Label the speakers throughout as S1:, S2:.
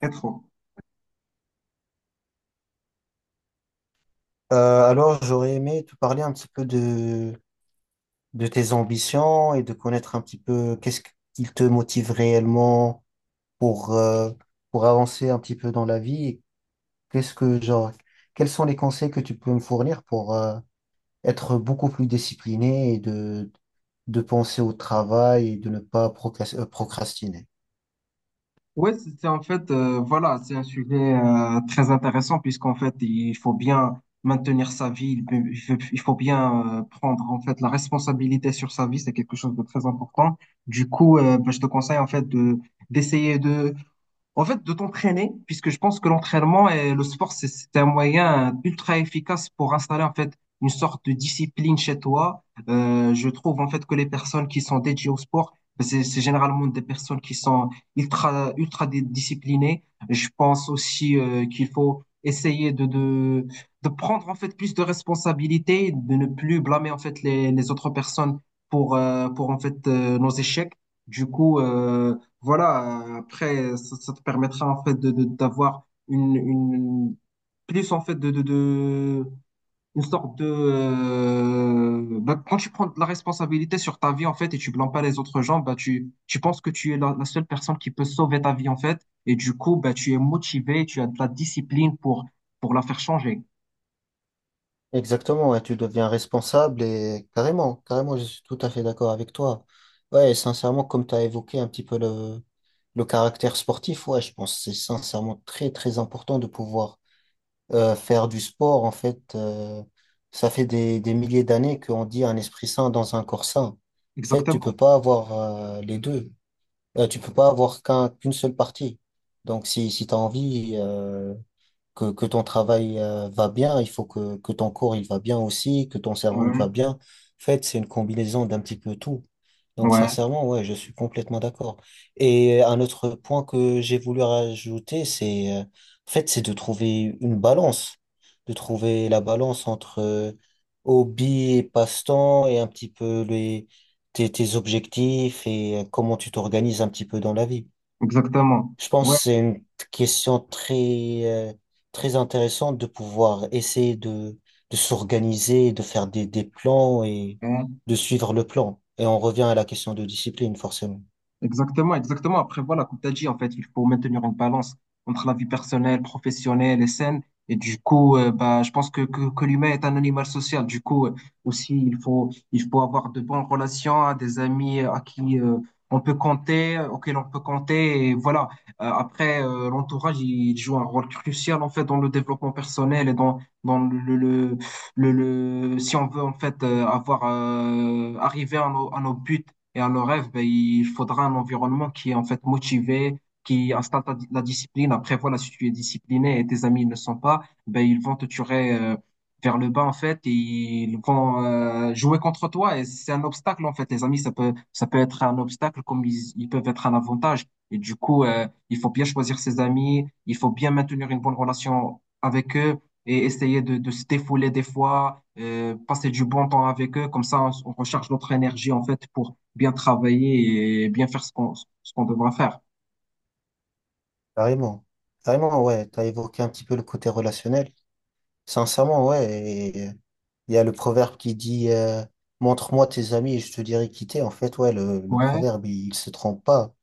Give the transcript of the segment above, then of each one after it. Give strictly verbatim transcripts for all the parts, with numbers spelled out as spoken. S1: Quatre ans.
S2: Euh, alors, j'aurais aimé te parler un petit peu de, de tes ambitions et de connaître un petit peu qu'est-ce qui te motive réellement pour, euh, pour avancer un petit peu dans la vie. Et Qu'est-ce que, genre, quels sont les conseils que tu peux me fournir pour, euh, être beaucoup plus discipliné et de, de penser au travail et de ne pas procras- euh, procrastiner.
S1: Ouais, c'est c'est en fait, euh, voilà, c'est un sujet euh, très intéressant puisqu'en fait, il faut bien maintenir sa vie, il peut- il faut il faut bien euh, prendre en fait la responsabilité sur sa vie, c'est quelque chose de très important. Du coup, euh, bah, je te conseille en fait de d'essayer de En fait, de t'entraîner, puisque je pense que l'entraînement et le sport, c'est c'est un moyen ultra efficace pour installer en fait une sorte de discipline chez toi. Euh, je trouve en fait que les personnes qui sont dédiées au sport, ben, c'est c'est généralement des personnes qui sont ultra ultra dé- disciplinées. Je pense aussi euh, qu'il faut essayer de, de de prendre en fait plus de responsabilités, de ne plus blâmer en fait les les autres personnes pour euh, pour en fait euh, nos échecs. Du coup, euh, voilà, euh, après, ça, ça te permettra en fait de, de- d'avoir une, une plus en fait de, de, de une sorte de euh, bah, quand tu prends de la responsabilité sur ta vie en fait et tu blâmes pas les autres gens, bah tu tu penses que tu es la, la seule personne qui peut sauver ta vie en fait, et du coup bah tu es motivé, tu as de la discipline pour pour la faire changer.
S2: Exactement, ouais, tu deviens responsable et carrément, carrément, je suis tout à fait d'accord avec toi. Ouais, et sincèrement, comme tu as évoqué un petit peu le, Le caractère sportif, ouais, je pense que c'est sincèrement très très important de pouvoir euh, faire du sport. En fait, euh, ça fait des, des milliers d'années qu'on dit un esprit sain dans un corps sain. En fait, tu
S1: Exactement.
S2: peux pas avoir euh, les deux. Euh, tu peux pas avoir qu'un, qu'une seule partie. Donc, si, si tu as envie, euh, que, que ton travail euh, va bien, il faut que, que ton corps il va bien aussi, que ton cerveau il va
S1: Ouais,
S2: bien. En fait, c'est une combinaison d'un petit peu tout. Donc,
S1: ouais,
S2: sincèrement, ouais, je suis complètement d'accord. Et un autre point que j'ai voulu rajouter, c'est, euh, en fait, c'est de trouver une balance, de trouver la balance entre euh, hobby et passe-temps et un petit peu les, tes, tes objectifs et euh, comment tu t'organises un petit peu dans la vie.
S1: exactement.
S2: Je pense que
S1: Ouais.
S2: c'est une question très, euh, très intéressante de pouvoir essayer de, de s'organiser, de faire des, des plans et
S1: Ouais.
S2: de suivre le plan. Et on revient à la question de discipline, forcément.
S1: Exactement, exactement. Après, voilà, comme tu as dit, en fait, il faut maintenir une balance entre la vie personnelle, professionnelle et saine. Et du coup, euh, bah, je pense que, que, que l'humain est un animal social. Du coup, euh, aussi, il faut, il faut avoir de bonnes relations, hein, des amis euh, à qui euh, on peut compter, euh, auxquels on peut compter. Et voilà. Euh, après, euh, l'entourage, il joue un rôle crucial, en fait, dans le développement personnel et dans, dans le, le, le, le- si on veut, en fait, euh, avoir, euh, arriver à nos, à nos buts et à nos rêves, ben, il faudra un environnement qui est en fait motivé, qui installe ta- la discipline. Après, voilà, si tu es discipliné et tes amis ne le sont pas, ben, ils vont te tirer euh, vers le bas en fait et ils vont euh, jouer contre toi. Et c'est un obstacle en fait. Les amis, ça peut, ça peut être un obstacle comme ils, ils peuvent être un avantage. Et du coup, euh, il faut bien choisir ses amis, il faut bien maintenir une bonne relation avec eux et essayer de, de se défouler des fois, euh, passer du bon temps avec eux. Comme ça, on, on recharge notre énergie en fait pour bien travailler et bien faire ce qu'on ce qu'on devra faire.
S2: Carrément. Carrément, ouais. T'as évoqué un petit peu le côté relationnel. Sincèrement, ouais. Il y a le proverbe qui dit euh, montre-moi tes amis et je te dirai qui t'es. En fait, ouais, le, le
S1: Ouais,
S2: proverbe, il, il se trompe pas. En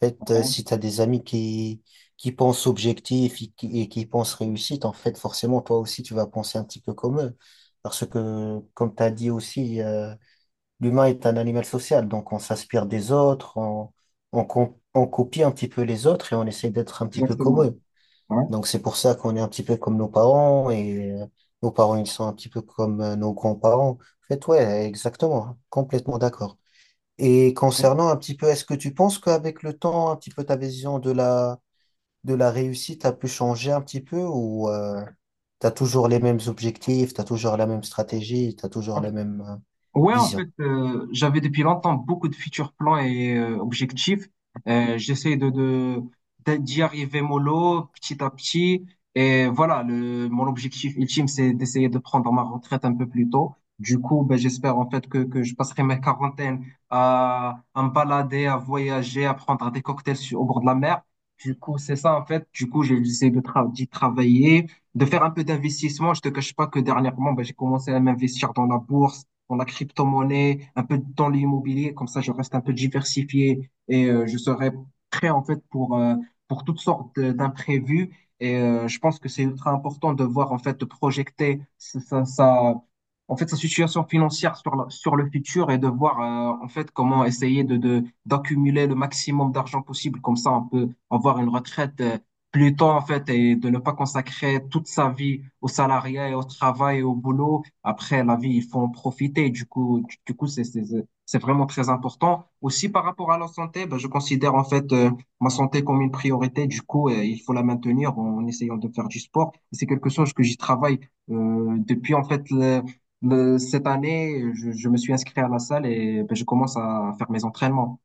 S2: fait, euh,
S1: ouais,
S2: si t'as des amis qui, qui pensent objectif et qui, et qui pensent réussite, en fait, forcément, toi aussi, tu vas penser un petit peu comme eux. Parce que, comme t'as dit aussi, euh, l'humain est un animal social. Donc, on s'inspire des autres, on, on, com- on copie un petit peu les autres et on essaie d'être un petit peu comme
S1: exactement.
S2: eux.
S1: Ouais,
S2: Donc c'est pour ça qu'on est un petit peu comme nos parents et euh, nos parents ils sont un petit peu comme euh, nos grands-parents. En fait, ouais, exactement, complètement d'accord. Et
S1: ouais.
S2: concernant un petit peu, est-ce que tu penses qu'avec le temps, un petit peu ta vision de la de la réussite a pu changer un petit peu ou euh, t'as toujours les mêmes objectifs, t'as toujours la même stratégie, t'as toujours la même euh,
S1: Ouais, en fait,
S2: vision?
S1: euh, j'avais depuis longtemps beaucoup de futurs plans et euh, objectifs. Euh, j'essaie de, de, d'a- d'y arriver mollo, petit à petit. Et voilà, le, mon objectif ultime, c'est d'essayer de prendre ma retraite un peu plus tôt. Du coup, ben, j'espère en fait que, que je passerai ma quarantaine à, à me balader, à voyager, à prendre des cocktails sur- au bord de la mer. Du coup, c'est ça en fait. Du coup, j'ai j'essaie de tra- d'y travailler, de faire un peu d'investissement. Je te cache pas que dernièrement, ben, j'ai commencé à m'investir dans la bourse, dans la crypto-monnaie, un peu dans l'immobilier. Comme ça, je reste un peu diversifié et euh, je serai prêt en fait pour, euh, pour toutes sortes de- d'imprévus. Et euh, je pense que c'est ultra important de voir en fait, de projeter sa, sa, sa- en fait, sa situation financière sur, la- sur le futur et de voir euh, en fait comment essayer de, de, d'accumuler le maximum d'argent possible. Comme ça, on peut avoir une retraite. Euh, plus tôt en fait, et de ne pas consacrer toute sa vie au salariat et au travail et au boulot. Après, la vie, il faut en profiter. Du coup, du, du coup, c'est, c'est, c'est c'est vraiment très important. Aussi, par rapport à la santé, ben, je considère en fait euh, ma santé comme une priorité. Du coup, euh, il faut la maintenir en essayant de faire du sport. Et c'est quelque chose que j'y travaille euh, depuis en fait le- le- cette année. Je, je me suis inscrit à la salle et ben, je commence à faire mes entraînements.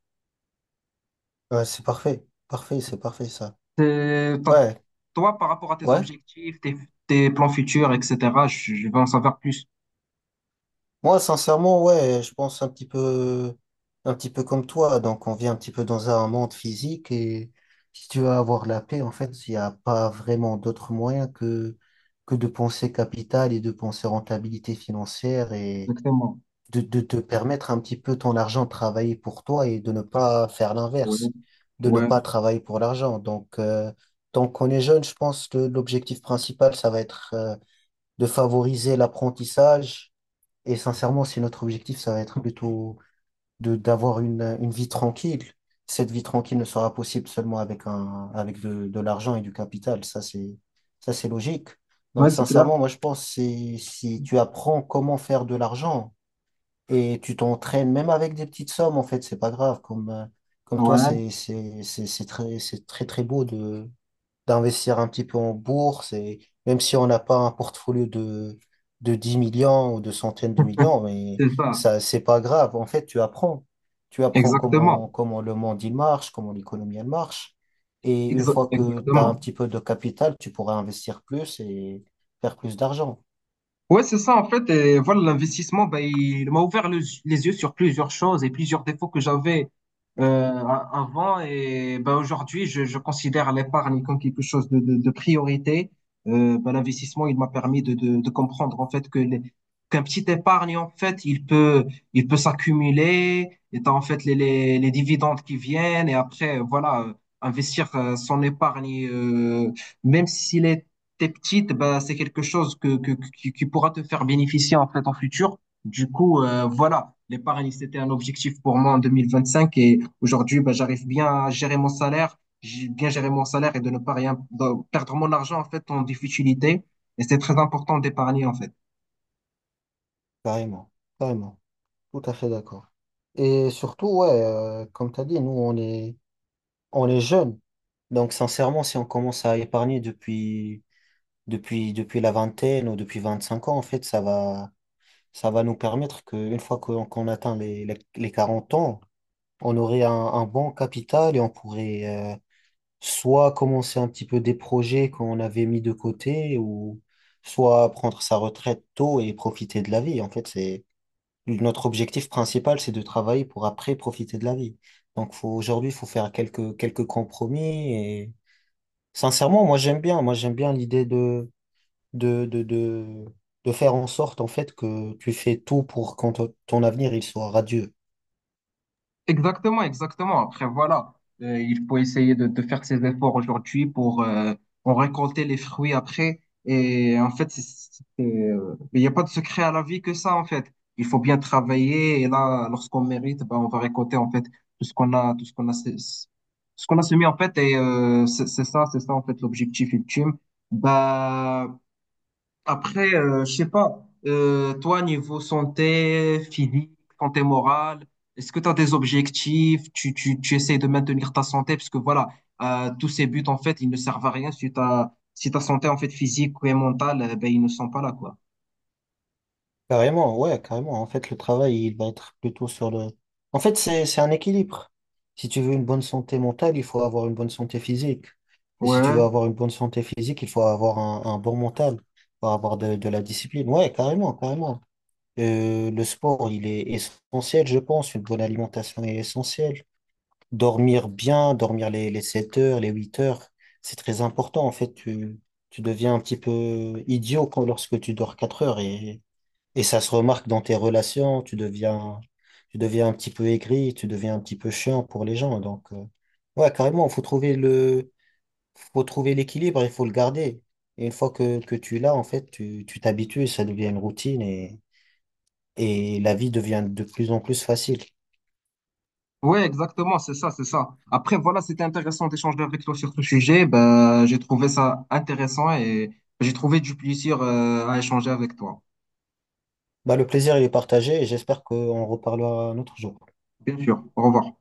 S2: Ouais, c'est parfait, parfait, c'est parfait ça.
S1: Euh, t'as-
S2: Ouais,
S1: Toi, par rapport à tes
S2: ouais.
S1: objectifs, tes, tes plans futurs, et cetera, je, je veux en savoir plus.
S2: Moi, sincèrement, ouais, je pense un petit peu, un petit peu comme toi. Donc, on vit un petit peu dans un monde physique et si tu veux avoir la paix, en fait, il n'y a pas vraiment d'autre moyen que, que de penser capital et de penser rentabilité financière et
S1: Exactement.
S2: de, de te permettre un petit peu ton argent de travailler pour toi et de ne pas faire
S1: Ouais,
S2: l'inverse, de ne
S1: ouais,
S2: pas travailler pour l'argent. Donc, euh, tant qu'on est jeune, je pense que l'objectif principal, ça va être, euh, de favoriser l'apprentissage et sincèrement, si notre objectif, ça va être plutôt de d'avoir une, une vie tranquille, cette vie tranquille ne sera possible seulement avec un, avec de, de l'argent et du capital. Ça, c'est, ça, c'est logique.
S1: ouais,
S2: Donc,
S1: c'est clair.
S2: sincèrement, moi, je pense que c'est- si tu apprends comment faire de l'argent et tu t'entraînes, même avec des petites sommes, en fait, c'est pas grave. Comme, euh, comme toi,
S1: Ouais,
S2: c'est, c'est, c'est, c'est très, c'est très, très beau de, d'investir un petit peu en bourse et même si on n'a pas un portfolio de, de dix millions ou de centaines de millions, mais
S1: c'est ça.
S2: ça, c'est pas grave. En fait, tu apprends. Tu apprends
S1: Exactement.
S2: comment, comment le monde il marche, comment l'économie elle marche. Et une
S1: Exa-
S2: fois que tu as un
S1: exactement.
S2: petit peu de capital, tu pourras investir plus et faire plus d'argent.
S1: Ouais, c'est ça, en fait. Et voilà, l'investissement, ben, il m'a ouvert le- les yeux sur plusieurs choses et plusieurs défauts que j'avais euh, a- avant. Et ben, aujourd'hui, je, je considère l'épargne comme quelque chose de, de, de priorité. Euh, ben, l'investissement, il m'a permis de, de, de comprendre, en fait, que les, qu'un petit épargne, en fait, il peut, il peut s'accumuler. Et t'as, en fait, les, les, les dividendes qui viennent. Et après, voilà, euh, investir euh, son épargne, euh, même s'il est t'es petite, bah, c'est quelque chose que, que, qui, qui pourra te faire bénéficier en fait en futur. Du coup, euh, voilà, l'épargne, c'était un objectif pour moi en deux mille vingt-cinq, et aujourd'hui, bah, j'arrive bien à gérer mon salaire, j'ai bien géré mon salaire et de ne pas rien de perdre mon argent en fait en difficulté. Et c'est très important d'épargner en fait.
S2: Carrément, carrément. Tout à fait d'accord. Et surtout, ouais, euh, comme tu as dit, nous, on est, on est jeunes. Donc, sincèrement, si on commence à épargner depuis depuis, depuis la vingtaine ou depuis vingt-cinq ans, en fait, ça va, ça va nous permettre qu'une fois qu'on qu'on atteint les, les, les quarante ans, on aurait un, un bon capital et on pourrait euh, soit commencer un petit peu des projets qu'on avait mis de côté ou soit prendre sa retraite tôt et profiter de la vie. En fait, c'est notre objectif principal, c'est de travailler pour après profiter de la vie. Donc, faut, aujourd'hui, il faut faire quelques, quelques compromis et sincèrement, moi, j'aime bien. Moi, j'aime bien l'idée de de, de, de, de faire en sorte en fait que tu fais tout pour que ton ton avenir il soit radieux.
S1: Exactement, exactement. Après, voilà, Euh, il faut essayer de, de faire ses efforts aujourd'hui pour euh, en récolter les fruits après. Et en fait, c'est, c'est- euh, il n'y a pas de secret à la vie que ça, en fait. Il faut bien travailler et là, lorsqu'on mérite, ben, on va récolter en fait tout ce qu'on a, tout ce qu'on a, sé- ce qu'on a semé en fait. Et euh, c'est c'est ça, c'est ça en fait l'objectif ultime. Bah, après, euh, je sais pas, euh, toi, niveau santé physique, santé morale, est-ce que tu as des objectifs? Tu, tu, tu essaies de maintenir ta santé? Parce que voilà, euh, tous ces buts, en fait, ils ne servent à rien si ta, si ta santé, en fait, physique ou mentale, euh, ben, ils ne sont pas là, quoi.
S2: Carrément, ouais, carrément. En fait, le travail, il va être plutôt sur le. En fait, c'est, c'est un équilibre. Si tu veux une bonne santé mentale, il faut avoir une bonne santé physique. Et si tu veux
S1: Ouais,
S2: avoir une bonne santé physique, il faut avoir un, un bon mental, il faut avoir de, de la discipline. Ouais, carrément, carrément. Euh, le sport, il est essentiel, je pense. Une bonne alimentation est essentielle. Dormir bien, dormir les, les sept heures, les huit heures, c'est très important. En fait, tu, tu deviens un petit peu idiot quand, lorsque tu dors quatre heures et, et ça se remarque dans tes relations. Tu deviens, tu deviens un petit peu aigri, tu deviens un petit peu chiant pour les gens. Donc, euh, ouais, carrément, faut trouver le, faut trouver l'équilibre, il faut le garder. Et une fois que, que tu l'as, en fait, tu, tu t'habitues, ça devient une routine et, et la vie devient de plus en plus facile.
S1: ouais, exactement, c'est ça, c'est ça. Après, voilà, c'était intéressant d'échanger avec toi sur ce sujet. Ben, j'ai trouvé ça intéressant et j'ai trouvé du plaisir, euh, à échanger avec toi.
S2: Bah, le plaisir, il est partagé et j'espère qu'on reparlera un autre jour.
S1: Bien sûr, au revoir.